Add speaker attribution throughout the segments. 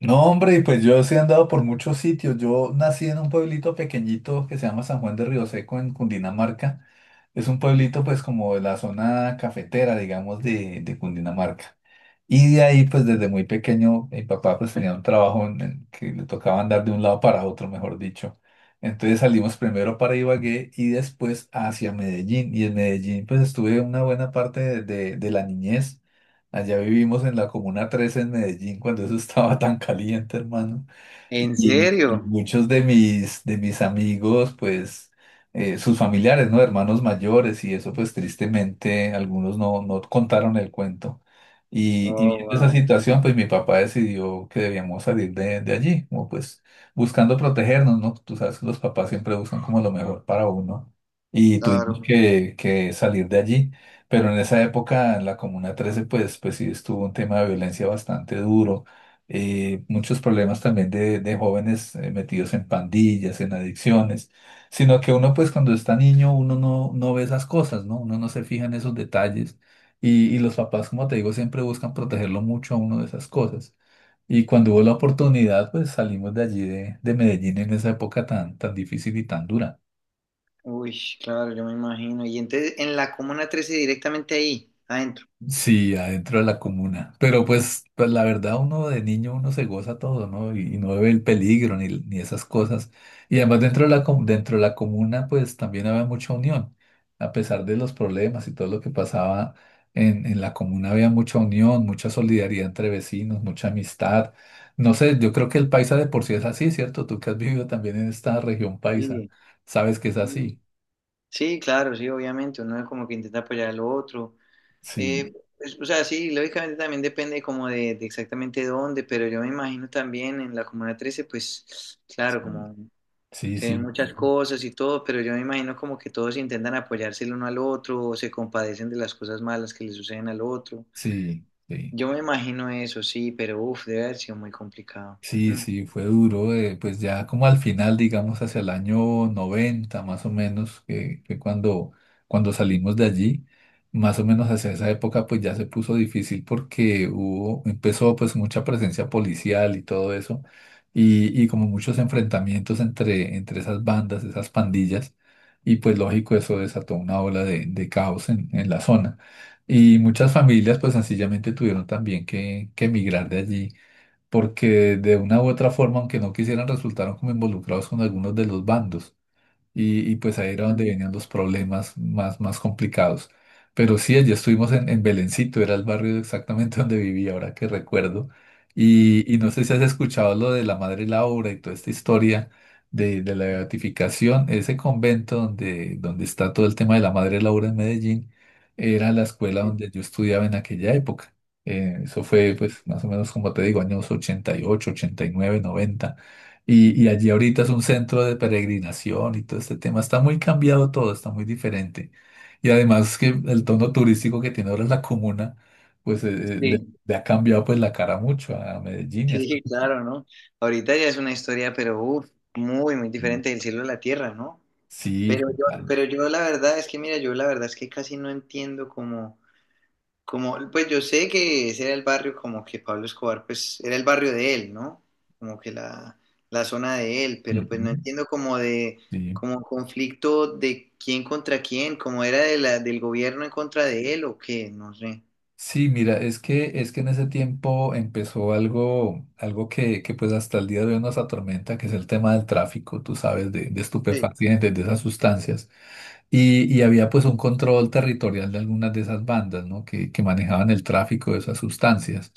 Speaker 1: No, hombre, y pues yo sí he andado por muchos sitios. Yo nací en un pueblito pequeñito que se llama San Juan de Río Seco en Cundinamarca. Es un pueblito pues como de la zona cafetera, digamos, de Cundinamarca. Y de ahí, pues desde muy pequeño, mi papá pues tenía un trabajo en el que le tocaba andar de un lado para otro, mejor dicho. Entonces salimos primero para Ibagué y después hacia Medellín. Y en Medellín pues estuve una buena parte de la niñez. Allá vivimos en la Comuna 13 en Medellín cuando eso estaba tan caliente, hermano.
Speaker 2: ¿En
Speaker 1: Y
Speaker 2: serio?
Speaker 1: muchos de mis amigos, pues, sus familiares, ¿no? Hermanos mayores y eso, pues, tristemente, algunos no, no contaron el cuento. Y
Speaker 2: Oh,
Speaker 1: viendo esa
Speaker 2: wow.
Speaker 1: situación, pues, mi papá decidió que debíamos salir de allí, como pues, buscando protegernos, ¿no? Tú sabes que los papás siempre buscan como lo mejor para uno. Y tuvimos
Speaker 2: Claro.
Speaker 1: que salir de allí. Pero en esa época, en la Comuna 13, pues sí estuvo un tema de violencia bastante duro, muchos problemas también de jóvenes, metidos en pandillas, en adicciones, sino que uno pues cuando está niño uno no, no ve esas cosas, ¿no? Uno no se fija en esos detalles y los papás, como te digo, siempre buscan protegerlo mucho a uno de esas cosas. Y cuando hubo la oportunidad, pues salimos de allí de Medellín en esa época tan difícil y tan dura.
Speaker 2: Uy, claro, yo me imagino. Y entonces en la Comuna Trece directamente ahí, adentro.
Speaker 1: Sí, adentro de la comuna. Pero pues la verdad, uno de niño, uno se goza todo, ¿no? Y no ve el peligro ni esas cosas. Y además dentro de la, dentro de la comuna, pues también había mucha unión. A pesar de los problemas y todo lo que pasaba en la comuna, había mucha unión, mucha solidaridad entre vecinos, mucha amistad. No sé, yo creo que el paisa de por sí es así, ¿cierto? Tú que has vivido también en esta región paisa,
Speaker 2: Sí,
Speaker 1: sabes que es así.
Speaker 2: sí, claro, sí, obviamente. Uno es como que intenta apoyar al otro.
Speaker 1: Sí,
Speaker 2: Eh, es- o sea, sí, lógicamente también depende como de exactamente dónde, pero yo me imagino también en la Comuna Trece, pues, claro, como
Speaker 1: sí,
Speaker 2: se ven
Speaker 1: sí,
Speaker 2: muchas
Speaker 1: sí,
Speaker 2: cosas y todo, pero yo me imagino como que todos intentan apoyarse el uno al otro o se compadecen de las cosas malas que le suceden al otro.
Speaker 1: sí, sí.
Speaker 2: Yo me imagino eso, sí, pero uff, debe haber sido muy complicado.
Speaker 1: Sí,
Speaker 2: Mm,
Speaker 1: sí, fue duro, pues ya como al final, digamos, hacia el año 90, más o menos, que fue cuando salimos de allí, más o menos hacia esa época, pues ya se puso difícil porque hubo, empezó pues mucha presencia policial y todo eso, y como muchos enfrentamientos entre esas bandas, esas pandillas, y pues lógico eso desató una ola de caos en la zona. Y muchas familias pues sencillamente tuvieron también que emigrar de allí porque de una u otra forma, aunque no quisieran, resultaron como involucrados con algunos de los bandos y pues ahí era donde
Speaker 2: mm,
Speaker 1: venían los problemas más complicados. Pero sí, allí estuvimos en Belencito, era el barrio exactamente donde vivía, ahora que recuerdo.
Speaker 2: mm,
Speaker 1: Y no sé si has escuchado lo de la Madre Laura y toda esta historia de la
Speaker 2: mm.
Speaker 1: beatificación. Ese convento donde, donde está todo el tema de la Madre Laura en Medellín era la escuela
Speaker 2: Sí,
Speaker 1: donde yo estudiaba en aquella época. Eso fue,
Speaker 2: ¿no?
Speaker 1: pues, más o menos como te digo, años 80, 88, 89, 90, y allí ahorita es un centro de peregrinación y todo este tema. Está muy cambiado todo, está muy diferente. Y además que el tono turístico que tiene ahora la comuna, pues le ha cambiado pues la cara mucho a Medellín. y
Speaker 2: Sí,
Speaker 1: hasta-
Speaker 2: sí, claro, ¿no? Ahorita ya es una historia, pero uff, muy, muy diferente del cielo a la tierra, ¿no?
Speaker 1: Sí,
Speaker 2: Pero yo,
Speaker 1: total.
Speaker 2: pero yo la verdad es que, mira, yo la verdad es que casi no entiendo cómo. Como, pues yo sé que ese era el barrio como que Pablo Escobar, pues era el barrio de él, ¿no? Como que la, la zona de él, pero pues no
Speaker 1: Ujú,
Speaker 2: entiendo
Speaker 1: sí.
Speaker 2: como conflicto de quién contra quién, como era de del gobierno en contra de él o qué, no sé.
Speaker 1: Sí, mira, es que en ese tiempo empezó algo, algo que pues hasta el día de hoy nos atormenta, que es el tema del tráfico, tú sabes, de
Speaker 2: Sí,
Speaker 1: estupefacientes, de esas sustancias. Y había pues un control territorial de algunas de esas bandas, ¿no? Que manejaban el tráfico de esas sustancias.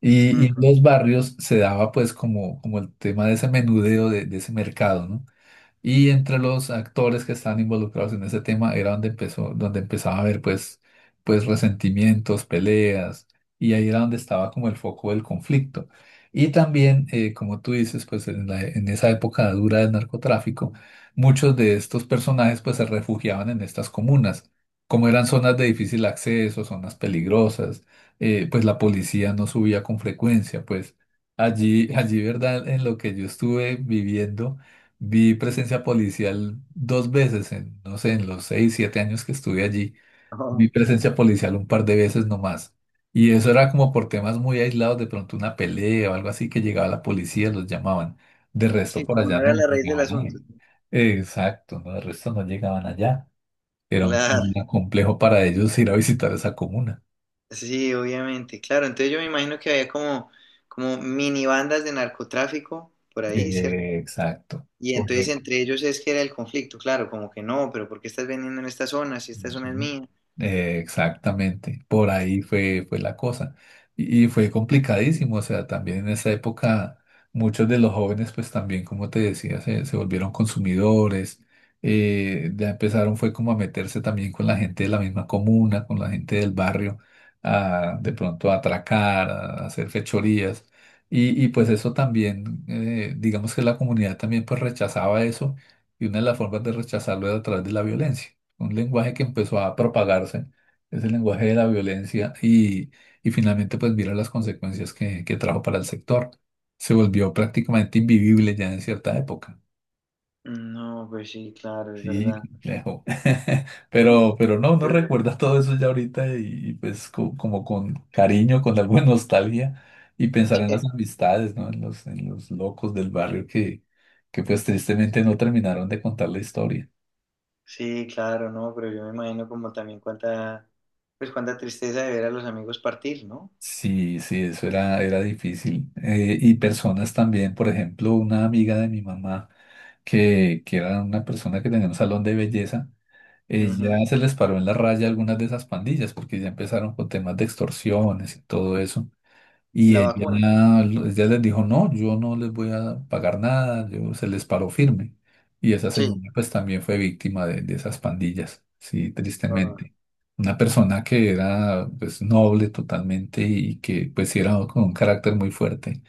Speaker 1: Y en
Speaker 2: ujú.
Speaker 1: los barrios se daba pues como el tema de ese menudeo, de ese mercado, ¿no? Y entre los actores que estaban involucrados en ese tema era donde empezó, donde empezaba a haber pues resentimientos, peleas, y ahí era donde estaba como el foco del conflicto. Y también, como tú dices, pues en esa época dura del narcotráfico, muchos de estos personajes pues se refugiaban en estas comunas. Como eran zonas de difícil acceso, zonas peligrosas, pues la policía no subía con frecuencia, pues allí, ¿verdad? En lo que yo estuve viviendo. Vi presencia policial dos veces en, no sé, en los seis, siete años que estuve allí.
Speaker 2: Ajá.
Speaker 1: Vi presencia policial un par de veces nomás. Y eso era como por temas muy aislados, de pronto una pelea o algo así que llegaba la policía, los llamaban. De resto
Speaker 2: Sí,
Speaker 1: por
Speaker 2: como no
Speaker 1: allá
Speaker 2: era
Speaker 1: no
Speaker 2: la raíz del
Speaker 1: llegaban nadie.
Speaker 2: asunto.
Speaker 1: Exacto, no, de resto no llegaban allá. Era un,
Speaker 2: Claro,
Speaker 1: un complejo para ellos ir a visitar esa comuna.
Speaker 2: sí, obviamente, claro. Entonces yo me imagino que había como, como mini bandas de narcotráfico por ahí, ¿cierto?
Speaker 1: Exacto.
Speaker 2: Y entonces entre ellos es que era el conflicto, claro, como que no, pero ¿por qué estás vendiendo en esta zona si esta zona es
Speaker 1: Ujú.
Speaker 2: mía?
Speaker 1: Exactamente, por ahí fue, fue la cosa. Y fue complicadísimo, o sea, también en esa época muchos de los jóvenes, pues también, como te decía, se volvieron consumidores, ya empezaron fue como a meterse también con la gente de la misma comuna, con la gente del barrio, a de pronto a atracar, a hacer fechorías. Y pues eso también, digamos que la comunidad también pues rechazaba eso y una de las formas de rechazarlo era a través de la violencia, un lenguaje que empezó a propagarse, es el lenguaje de la violencia y finalmente pues mira las consecuencias que trajo para el sector. Se volvió prácticamente invivible ya en cierta época.
Speaker 2: Mm, no, pues sí, claro, es
Speaker 1: Sí,
Speaker 2: verdad.
Speaker 1: complejo.
Speaker 2: Mm,
Speaker 1: Pero no, no
Speaker 2: pero...
Speaker 1: recuerda todo eso ya ahorita y, pues como con cariño, con alguna nostalgia y pensar en las amistades, ¿no? En los locos del barrio que pues tristemente no terminaron de contar la historia.
Speaker 2: Sí, claro, no, pero yo me imagino como también cuánta, pues cuánta tristeza de ver a los amigos partir, ¿no?
Speaker 1: Sí, sí, eso era difícil. Y personas también, por ejemplo, una amiga de mi mamá, que era una persona que tenía un salón de belleza, ella
Speaker 2: Ujú.
Speaker 1: se les paró en la raya a algunas de esas pandillas, porque ya empezaron con temas de extorsiones y todo eso. Y
Speaker 2: La
Speaker 1: ella,
Speaker 2: vacuna,
Speaker 1: ella les dijo, no, yo no les voy a pagar nada, yo se les paró firme. Y esa señora
Speaker 2: sí,
Speaker 1: pues también fue víctima de esas pandillas, sí,
Speaker 2: ah,
Speaker 1: tristemente. Una persona que era pues noble totalmente y que pues sí era con un carácter muy fuerte,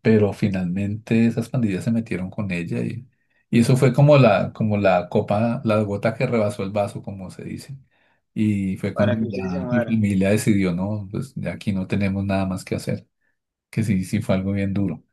Speaker 1: pero finalmente esas pandillas se metieron con ella y eso fue como la copa, la gota que rebasó el vaso, como se dice. Y fue cuando
Speaker 2: para que ustedes se
Speaker 1: ya mi
Speaker 2: mudaran.
Speaker 1: familia decidió, no, pues de aquí no tenemos nada más que hacer que sí, sí fue algo bien duro.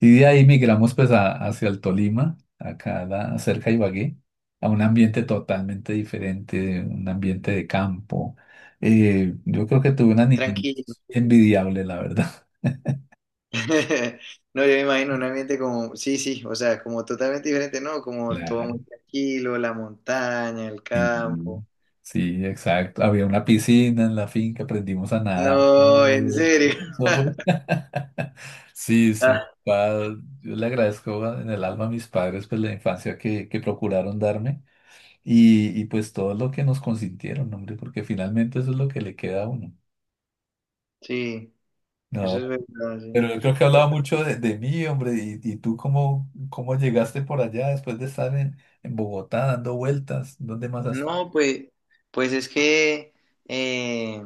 Speaker 1: Y de ahí migramos pues hacia el Tolima, acá cerca de Ibagué, a un ambiente totalmente diferente, un ambiente de campo. Yo creo que tuve una niñez
Speaker 2: Tranquilo.
Speaker 1: envidiable, la verdad.
Speaker 2: No, yo me imagino un ambiente como, sí, sí, o sea, como totalmente diferente, ¿no? Como todo
Speaker 1: Claro.
Speaker 2: muy tranquilo, la montaña, el
Speaker 1: Sí,
Speaker 2: campo.
Speaker 1: sí, exacto. Había una piscina en la finca, aprendimos a nadar
Speaker 2: No, en
Speaker 1: juntos, ¿no?
Speaker 2: serio.
Speaker 1: Eso fue- Sí, sí.
Speaker 2: Ah,
Speaker 1: Yo le agradezco en el alma a mis padres pues la infancia que procuraron darme. Y pues todo lo que nos consintieron, hombre, porque finalmente eso es lo que le queda a uno.
Speaker 2: sí, eso
Speaker 1: No,
Speaker 2: es verdad, sí.
Speaker 1: pero yo creo que hablaba mucho de mí, hombre, y tú cómo llegaste por allá después de estar en Bogotá dando vueltas, ¿dónde más has estado?
Speaker 2: No, pues, pues es que, eh,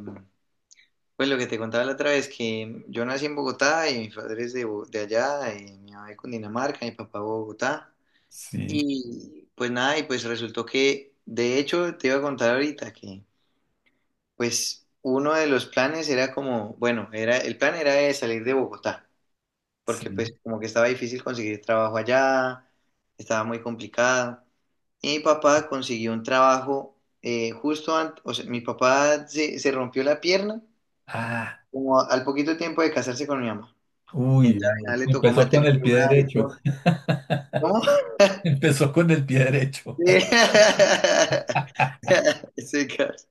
Speaker 2: pues lo que te contaba la otra vez, que yo nací en Bogotá y mis padres de, Bo- de allá, y mi mamá de Cundinamarca, mi papá de Bogotá.
Speaker 1: Sí,
Speaker 2: Y pues nada, y pues resultó que, de hecho, te iba a contar ahorita que, pues, uno de los planes era como, bueno, era, el plan era de salir de Bogotá. Porque
Speaker 1: sí.
Speaker 2: pues como que estaba difícil conseguir trabajo allá, estaba muy complicado. Y mi papá consiguió un trabajo justo antes, o sea, mi papá se rompió la pierna
Speaker 1: Ah,
Speaker 2: como al poquito tiempo de casarse con mi mamá. Y
Speaker 1: uy,
Speaker 2: entonces al
Speaker 1: hombre,
Speaker 2: final le tocó
Speaker 1: empezó con
Speaker 2: mantener
Speaker 1: el
Speaker 2: el
Speaker 1: pie
Speaker 2: lugar y
Speaker 1: derecho.
Speaker 2: todo. ¿Cómo?
Speaker 1: Empezó con el pie derecho.
Speaker 2: Sí. Ese caso,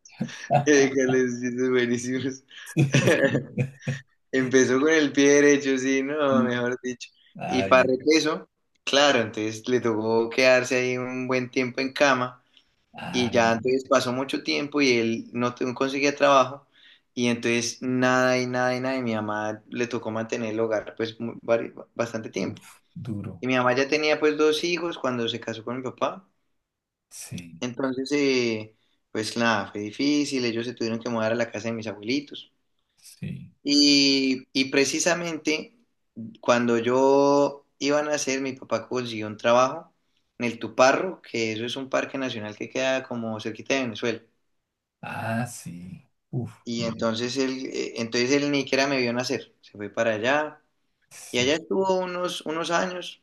Speaker 2: ese caso es buenísimo.
Speaker 1: Sí,
Speaker 2: Empezó con el pie derecho, sí, no,
Speaker 1: sí.
Speaker 2: mejor dicho. Y para
Speaker 1: Ay,
Speaker 2: repeso, claro, entonces le tocó quedarse ahí un buen tiempo en cama y
Speaker 1: ay,
Speaker 2: ya entonces pasó mucho tiempo y él no te- no conseguía trabajo y entonces nada y nada y nada y mi mamá le tocó mantener el hogar pues mu- vari- bastante tiempo.
Speaker 1: uf, duro.
Speaker 2: Y mi mamá ya tenía pues dos hijos cuando se casó con mi papá,
Speaker 1: Sí,
Speaker 2: entonces pues nada, fue difícil, ellos se tuvieron que mudar a la casa de mis abuelitos.
Speaker 1: sí.
Speaker 2: Y precisamente cuando yo iba a nacer, mi papá consiguió un trabajo en el Tuparro, que eso es un parque nacional que queda como cerquita de Venezuela.
Speaker 1: Ah, sí. Uf,
Speaker 2: Y entonces él ni siquiera me vio nacer. Se fue para allá y
Speaker 1: sí.
Speaker 2: allá estuvo unos años,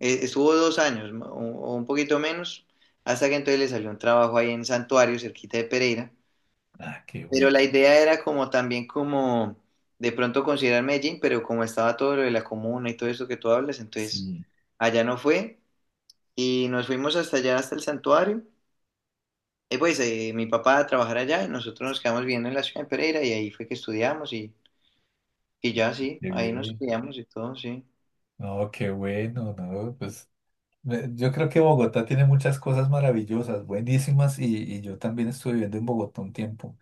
Speaker 2: estuvo dos años ma- o un poquito menos, hasta que entonces le salió un trabajo ahí en Santuario, cerquita de Pereira.
Speaker 1: Ah, qué
Speaker 2: Pero
Speaker 1: bueno.
Speaker 2: la idea era como también como de pronto considerar Medellín, pero como estaba todo lo de la comuna y todo eso que tú hablas, entonces
Speaker 1: Sí,
Speaker 2: allá no fue. Y nos fuimos hasta allá, hasta el santuario. Y pues mi papá a trabajar allá y nosotros nos quedamos viviendo en la ciudad de Pereira y ahí fue que estudiamos y ya sí,
Speaker 1: qué
Speaker 2: ahí nos
Speaker 1: bien.
Speaker 2: estudiamos y todo, sí.
Speaker 1: No, qué bueno, no, pues yo creo que Bogotá tiene muchas cosas maravillosas, buenísimas, y yo también estuve viviendo en Bogotá un tiempo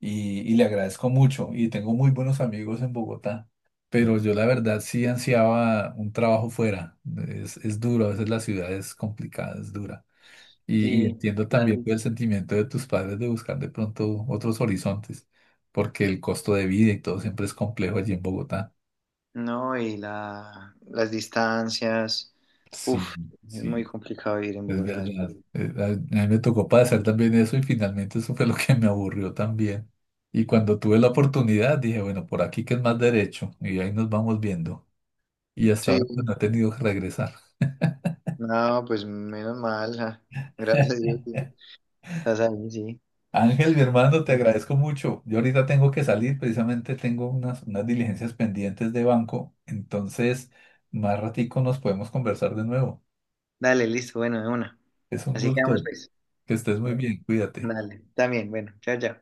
Speaker 1: y le agradezco mucho y tengo muy buenos amigos en Bogotá, pero yo la verdad sí ansiaba un trabajo fuera. Es duro, a veces la ciudad es complicada, es dura. Y
Speaker 2: Sí,
Speaker 1: entiendo
Speaker 2: las
Speaker 1: también pues,
Speaker 2: dis-
Speaker 1: el sentimiento de tus padres de buscar de pronto otros horizontes, porque el costo de vida y todo siempre es complejo allí en Bogotá.
Speaker 2: No, las distancias,
Speaker 1: Sí,
Speaker 2: uff, es muy
Speaker 1: sí,
Speaker 2: complicado vivir en
Speaker 1: es
Speaker 2: Bogotá.
Speaker 1: verdad. A mí me tocó pasar también eso y finalmente eso fue lo que me aburrió también. Y cuando tuve la oportunidad dije, bueno, por aquí que es más derecho y ahí nos vamos viendo. Y hasta
Speaker 2: Sí,
Speaker 1: ahora pues, no he tenido que regresar.
Speaker 2: no, pues menos mal, ja. Gracias a Dios, sí. Estás ahí, sí.
Speaker 1: Ángel, mi hermano, te agradezco mucho. Yo ahorita tengo que salir, precisamente tengo unas diligencias pendientes de banco, entonces más ratico nos podemos conversar de nuevo.
Speaker 2: Dale, listo, bueno, de una.
Speaker 1: Es un
Speaker 2: Así quedamos,
Speaker 1: gusto,
Speaker 2: pues.
Speaker 1: que estés muy
Speaker 2: Bueno,
Speaker 1: bien, cuídate.
Speaker 2: dale, también, bueno, chao, chao.